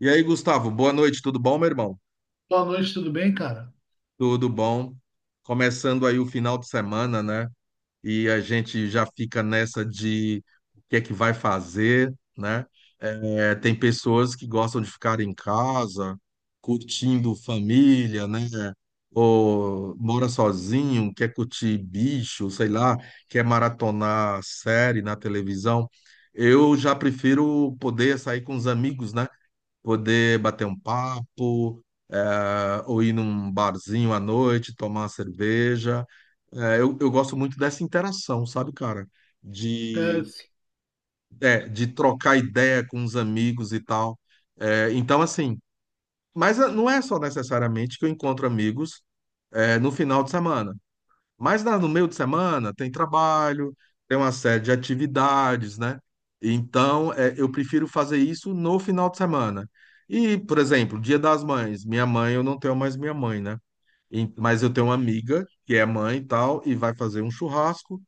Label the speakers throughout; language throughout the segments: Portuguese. Speaker 1: E aí, Gustavo, boa noite, tudo bom, meu irmão?
Speaker 2: Boa noite, tudo bem, cara?
Speaker 1: Tudo bom. Começando aí o final de semana, né? E a gente já fica nessa de o que é que vai fazer, né? É, tem pessoas que gostam de ficar em casa, curtindo família, né? Ou mora sozinho, quer curtir bicho, sei lá, quer maratonar série na televisão. Eu já prefiro poder sair com os amigos, né? Poder bater um papo, ou ir num barzinho à noite, tomar uma cerveja. Eu gosto muito dessa interação, sabe, cara?
Speaker 2: É,
Speaker 1: De, é, de trocar ideia com os amigos e tal. Então, assim, mas não é só necessariamente que eu encontro amigos, no final de semana. Mas no meio de semana tem trabalho, tem uma série de atividades, né? Então, é, eu prefiro fazer isso no final de semana. E, por exemplo, Dia das Mães. Minha mãe, eu não tenho mais minha mãe, né? Mas eu tenho uma amiga que é mãe e tal, e vai fazer um churrasco,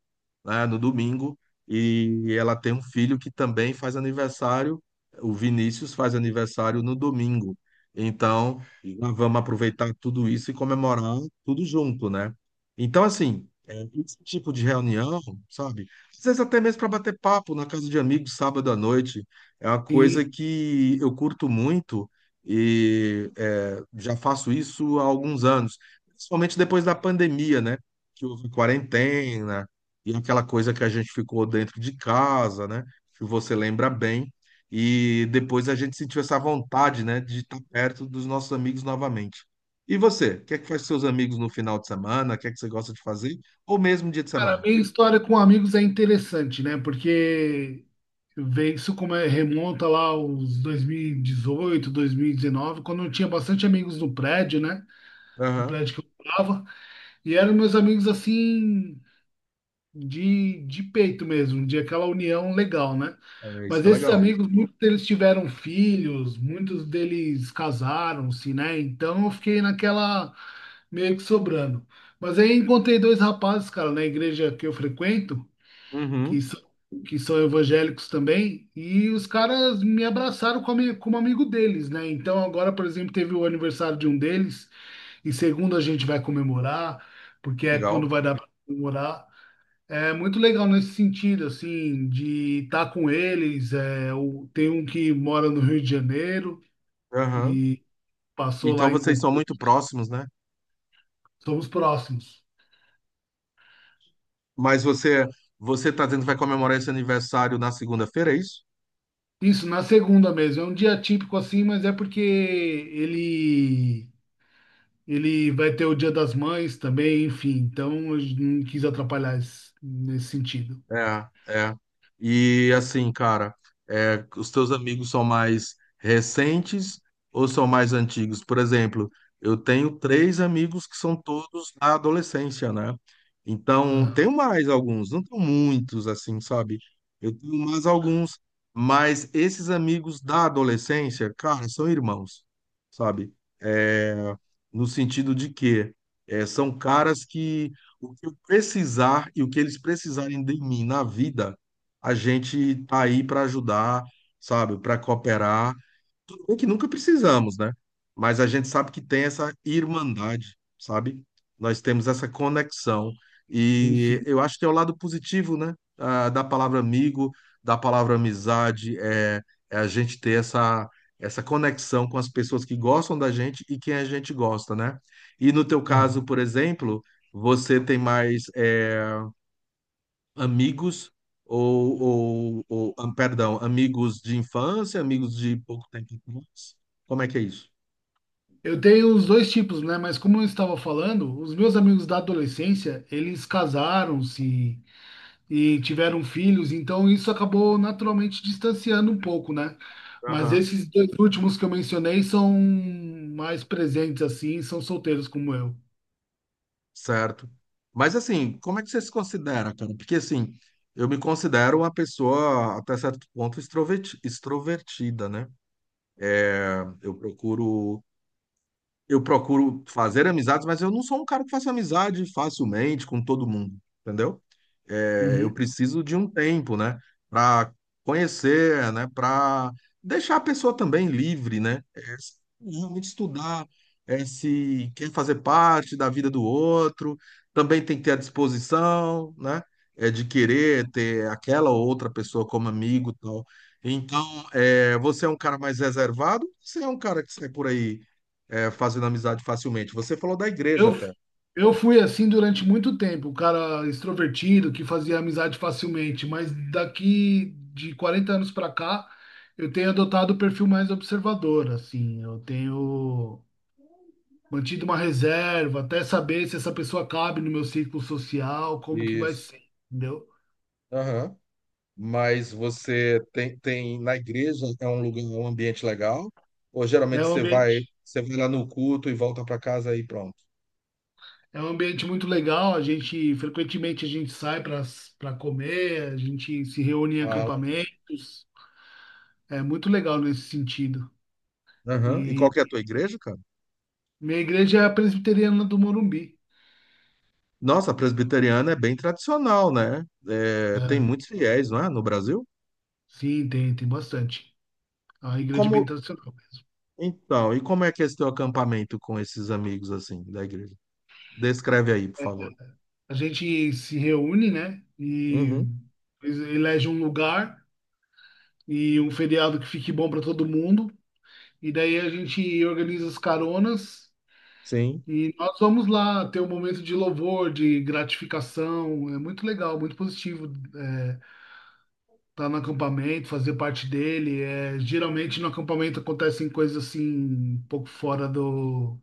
Speaker 1: né, no domingo, e ela tem um filho que também faz aniversário, o Vinícius faz aniversário no domingo. Então, nós vamos aproveitar tudo isso e comemorar tudo junto, né? Então, assim, é, esse tipo de reunião, sabe? Às vezes até mesmo para bater papo na casa de amigos sábado à noite, é uma coisa
Speaker 2: sim.
Speaker 1: que eu curto muito e é, já faço isso há alguns anos. Principalmente depois da pandemia, né? Que houve quarentena e aquela coisa que a gente ficou dentro de casa, né? Que você lembra bem. E depois a gente sentiu essa vontade, né? De estar perto dos nossos amigos novamente. E você? O que é que faz com seus amigos no final de semana? O que é que você gosta de fazer? Ou mesmo dia de
Speaker 2: Cara, a
Speaker 1: semana?
Speaker 2: minha história com amigos é interessante, né? Porque vem isso como é, remonta lá aos dois mil e 2019, quando eu tinha bastante amigos no prédio, né? No
Speaker 1: Aham.
Speaker 2: prédio que eu morava. E eram meus amigos assim, de peito mesmo, de aquela união legal, né?
Speaker 1: É,
Speaker 2: Mas
Speaker 1: isso é
Speaker 2: esses
Speaker 1: legal.
Speaker 2: amigos, muitos deles tiveram filhos, muitos deles casaram-se, né? Então eu fiquei naquela, meio que sobrando. Mas aí encontrei dois rapazes, cara, na igreja que eu frequento, que
Speaker 1: Uhum.
Speaker 2: são, que são evangélicos também, e os caras me abraçaram como amigo deles, né? Então agora, por exemplo, teve o aniversário de um deles, e segundo a gente vai comemorar, porque é quando
Speaker 1: Legal.
Speaker 2: vai dar para comemorar. É muito legal nesse sentido, assim, de estar com eles. É, tem um que mora no Rio de Janeiro
Speaker 1: Aham.
Speaker 2: e passou
Speaker 1: Então
Speaker 2: lá em
Speaker 1: vocês
Speaker 2: Concórdia.
Speaker 1: são muito próximos, né?
Speaker 2: Somos próximos.
Speaker 1: Mas você tá dizendo que vai comemorar esse aniversário na segunda-feira, é isso?
Speaker 2: Isso, na segunda mesmo. É um dia típico assim, mas é porque ele vai ter o Dia das Mães também, enfim. Então, eu não quis atrapalhar nesse sentido.
Speaker 1: É, é. E assim, cara, é, os teus amigos são mais recentes ou são mais antigos? Por exemplo, eu tenho três amigos que são todos da adolescência, né? Então, tenho
Speaker 2: Aham,
Speaker 1: mais alguns, não tenho muitos, assim, sabe? Eu tenho mais alguns, mas esses amigos da adolescência, cara, são irmãos, sabe? É, no sentido de que é, são caras que o que eu precisar e o que eles precisarem de mim na vida, a gente tá aí para ajudar, sabe? Para cooperar. Tudo bem que nunca precisamos, né? Mas a gente sabe que tem essa irmandade, sabe? Nós temos essa conexão.
Speaker 2: tem
Speaker 1: E
Speaker 2: sim.
Speaker 1: eu acho que é o lado positivo, né? Da palavra amigo, da palavra amizade, é, é a gente ter essa conexão com as pessoas que gostam da gente e quem a gente gosta, né? E no teu caso,
Speaker 2: Aham.
Speaker 1: por exemplo, você tem mais. É, amigos ou, perdão, amigos de infância, amigos de pouco tempo atrás? Como é que é isso?
Speaker 2: Eu tenho os dois tipos, né? Mas como eu estava falando, os meus amigos da adolescência, eles casaram-se e tiveram filhos, então isso acabou naturalmente distanciando um pouco, né? Mas
Speaker 1: Aham.
Speaker 2: esses dois últimos que eu mencionei são mais presentes assim, são solteiros como eu.
Speaker 1: Certo. Mas assim, como é que você se considera, cara? Porque assim, eu me considero uma pessoa até certo ponto extrovertida, né? Eu procuro eu procuro fazer amizades, mas eu não sou um cara que faça amizade facilmente com todo mundo, entendeu? É, eu
Speaker 2: Uhum.
Speaker 1: preciso de um tempo, né, para conhecer, né, para deixar a pessoa também livre, né, é, realmente estudar é, se quer fazer parte da vida do outro, também tem que ter a disposição, né, é, de querer ter aquela ou outra pessoa como amigo, e tal. Então, é, você é um cara mais reservado? Você é um cara que sai por aí é, fazendo amizade facilmente. Você falou da igreja
Speaker 2: Eu,
Speaker 1: até.
Speaker 2: eu fui assim durante muito tempo, o cara extrovertido que fazia amizade facilmente, mas daqui de 40 anos para cá, eu tenho adotado o perfil mais observador, assim, eu tenho mantido uma reserva até saber se essa pessoa cabe no meu círculo social, como que vai
Speaker 1: Isso.
Speaker 2: ser, entendeu?
Speaker 1: Aham. Mas você tem na igreja é um lugar, um ambiente legal? Ou geralmente
Speaker 2: É um
Speaker 1: você
Speaker 2: ambiente,
Speaker 1: você vai lá no culto e volta para casa e pronto?
Speaker 2: é um ambiente muito legal, a gente frequentemente a gente sai para comer, a gente se reúne em
Speaker 1: Fala.
Speaker 2: acampamentos. É muito legal nesse sentido.
Speaker 1: Aham. E qual
Speaker 2: E
Speaker 1: que é a tua igreja, cara?
Speaker 2: minha igreja é a presbiteriana do Morumbi,
Speaker 1: Nossa, a presbiteriana é bem tradicional, né? É, tem
Speaker 2: né?
Speaker 1: muitos fiéis, não é, no Brasil?
Speaker 2: Sim, tem, tem bastante. É uma
Speaker 1: E
Speaker 2: igreja
Speaker 1: como,
Speaker 2: bem tradicional mesmo.
Speaker 1: então, e como é que é esse teu acampamento com esses amigos assim da igreja? Descreve aí, por favor.
Speaker 2: A gente se reúne, né? E
Speaker 1: Uhum.
Speaker 2: elege um lugar e um feriado que fique bom para todo mundo. E daí a gente organiza as caronas
Speaker 1: Sim.
Speaker 2: e nós vamos lá ter um momento de louvor, de gratificação. É muito legal, muito positivo. É, tá no acampamento, fazer parte dele. É, geralmente no acampamento acontecem coisas assim, um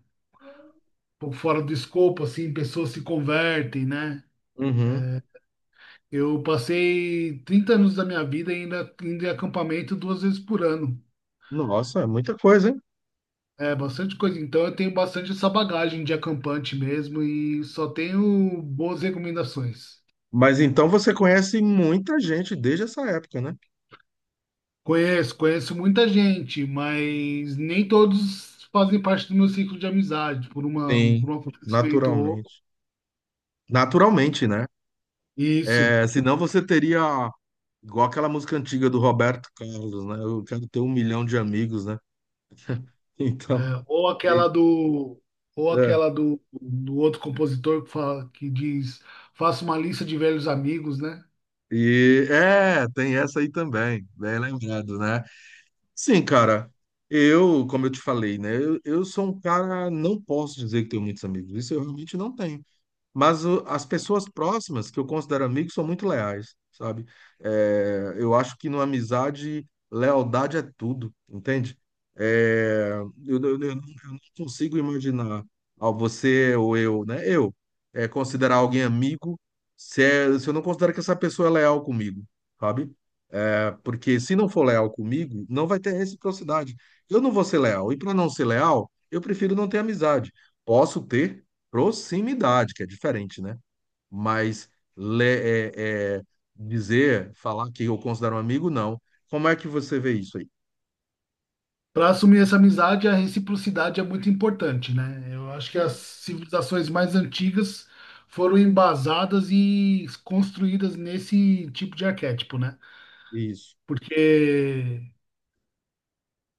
Speaker 2: pouco fora do escopo, assim, pessoas se convertem, né?
Speaker 1: Uhum.
Speaker 2: Eu passei 30 anos da minha vida ainda indo em acampamento 2 vezes por ano.
Speaker 1: Nossa, é muita coisa, hein?
Speaker 2: É bastante coisa. Então eu tenho bastante essa bagagem de acampante mesmo e só tenho boas recomendações.
Speaker 1: Mas então você conhece muita gente desde essa época, né?
Speaker 2: Conheço, conheço muita gente, mas nem todos fazem parte do meu ciclo de amizade
Speaker 1: Sim.
Speaker 2: por um acontecimento ou
Speaker 1: Naturalmente. Naturalmente, né?
Speaker 2: isso.
Speaker 1: É, senão você teria, igual aquela música antiga do Roberto Carlos, né? Eu quero ter um milhão de amigos, né?
Speaker 2: É,
Speaker 1: Então,
Speaker 2: ou
Speaker 1: e,
Speaker 2: aquela do, ou
Speaker 1: é,
Speaker 2: aquela do, outro compositor que fala, que diz, faça uma lista de velhos amigos, né?
Speaker 1: é, tem essa aí também, bem lembrado, né? Sim, cara, eu, como eu te falei, né? Eu sou um cara, não posso dizer que tenho muitos amigos, isso eu realmente não tenho. Mas as pessoas próximas, que eu considero amigos, são muito leais, sabe? É, eu acho que numa amizade, lealdade é tudo, entende? É, eu não eu não consigo imaginar ó, você ou eu, né? Eu é, considerar alguém amigo se eu não considero que essa pessoa é leal comigo, sabe? É, porque se não for leal comigo, não vai ter reciprocidade. Eu não vou ser leal. E para não ser leal, eu prefiro não ter amizade. Posso ter proximidade, que é diferente, né? Mas é, dizer, falar que eu considero um amigo, não. Como é que você vê isso aí?
Speaker 2: Para assumir essa amizade, a reciprocidade é muito importante, né? Eu acho que as
Speaker 1: Sim.
Speaker 2: civilizações mais antigas foram embasadas e construídas nesse tipo de arquétipo, né?
Speaker 1: Isso,
Speaker 2: Porque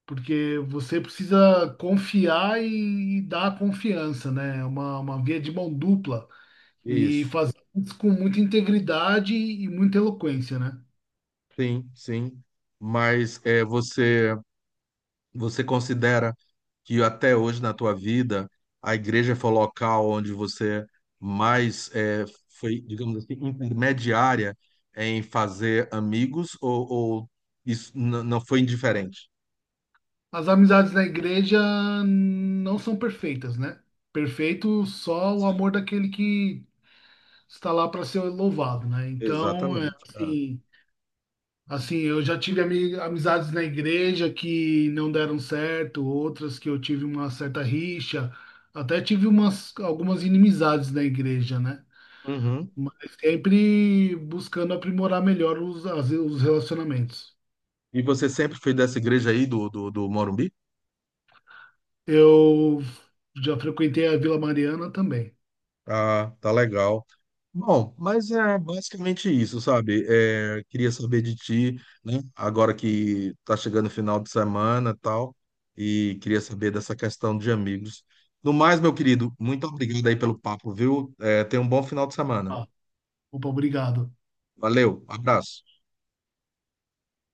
Speaker 2: porque você precisa confiar e dar a confiança, né? É uma via de mão dupla. E
Speaker 1: isso.
Speaker 2: fazer isso com muita integridade e muita eloquência, né?
Speaker 1: Sim, sim. Mas é, você considera que até hoje na tua vida a igreja foi o local onde você mais é, foi, digamos assim, intermediária em fazer amigos ou isso não foi indiferente?
Speaker 2: As amizades na igreja não são perfeitas, né? Perfeito só o amor daquele que está lá para ser louvado, né? Então, é
Speaker 1: Exatamente.
Speaker 2: assim, assim, eu já tive amizades na igreja que não deram certo, outras que eu tive uma certa rixa, até tive umas algumas inimizades na igreja, né?
Speaker 1: Uhum.
Speaker 2: Mas sempre buscando aprimorar melhor os relacionamentos.
Speaker 1: E você sempre foi dessa igreja aí do Morumbi?
Speaker 2: Eu já frequentei a Vila Mariana também.
Speaker 1: Ah, tá legal. Bom, mas é basicamente isso, sabe? É, queria saber de ti, né? Agora que tá chegando o final de semana e tal, e queria saber dessa questão de amigos. No mais, meu querido, muito obrigado aí pelo papo, viu? É, tenha um bom final de semana.
Speaker 2: Ah, opa, obrigado.
Speaker 1: Valeu, abraço.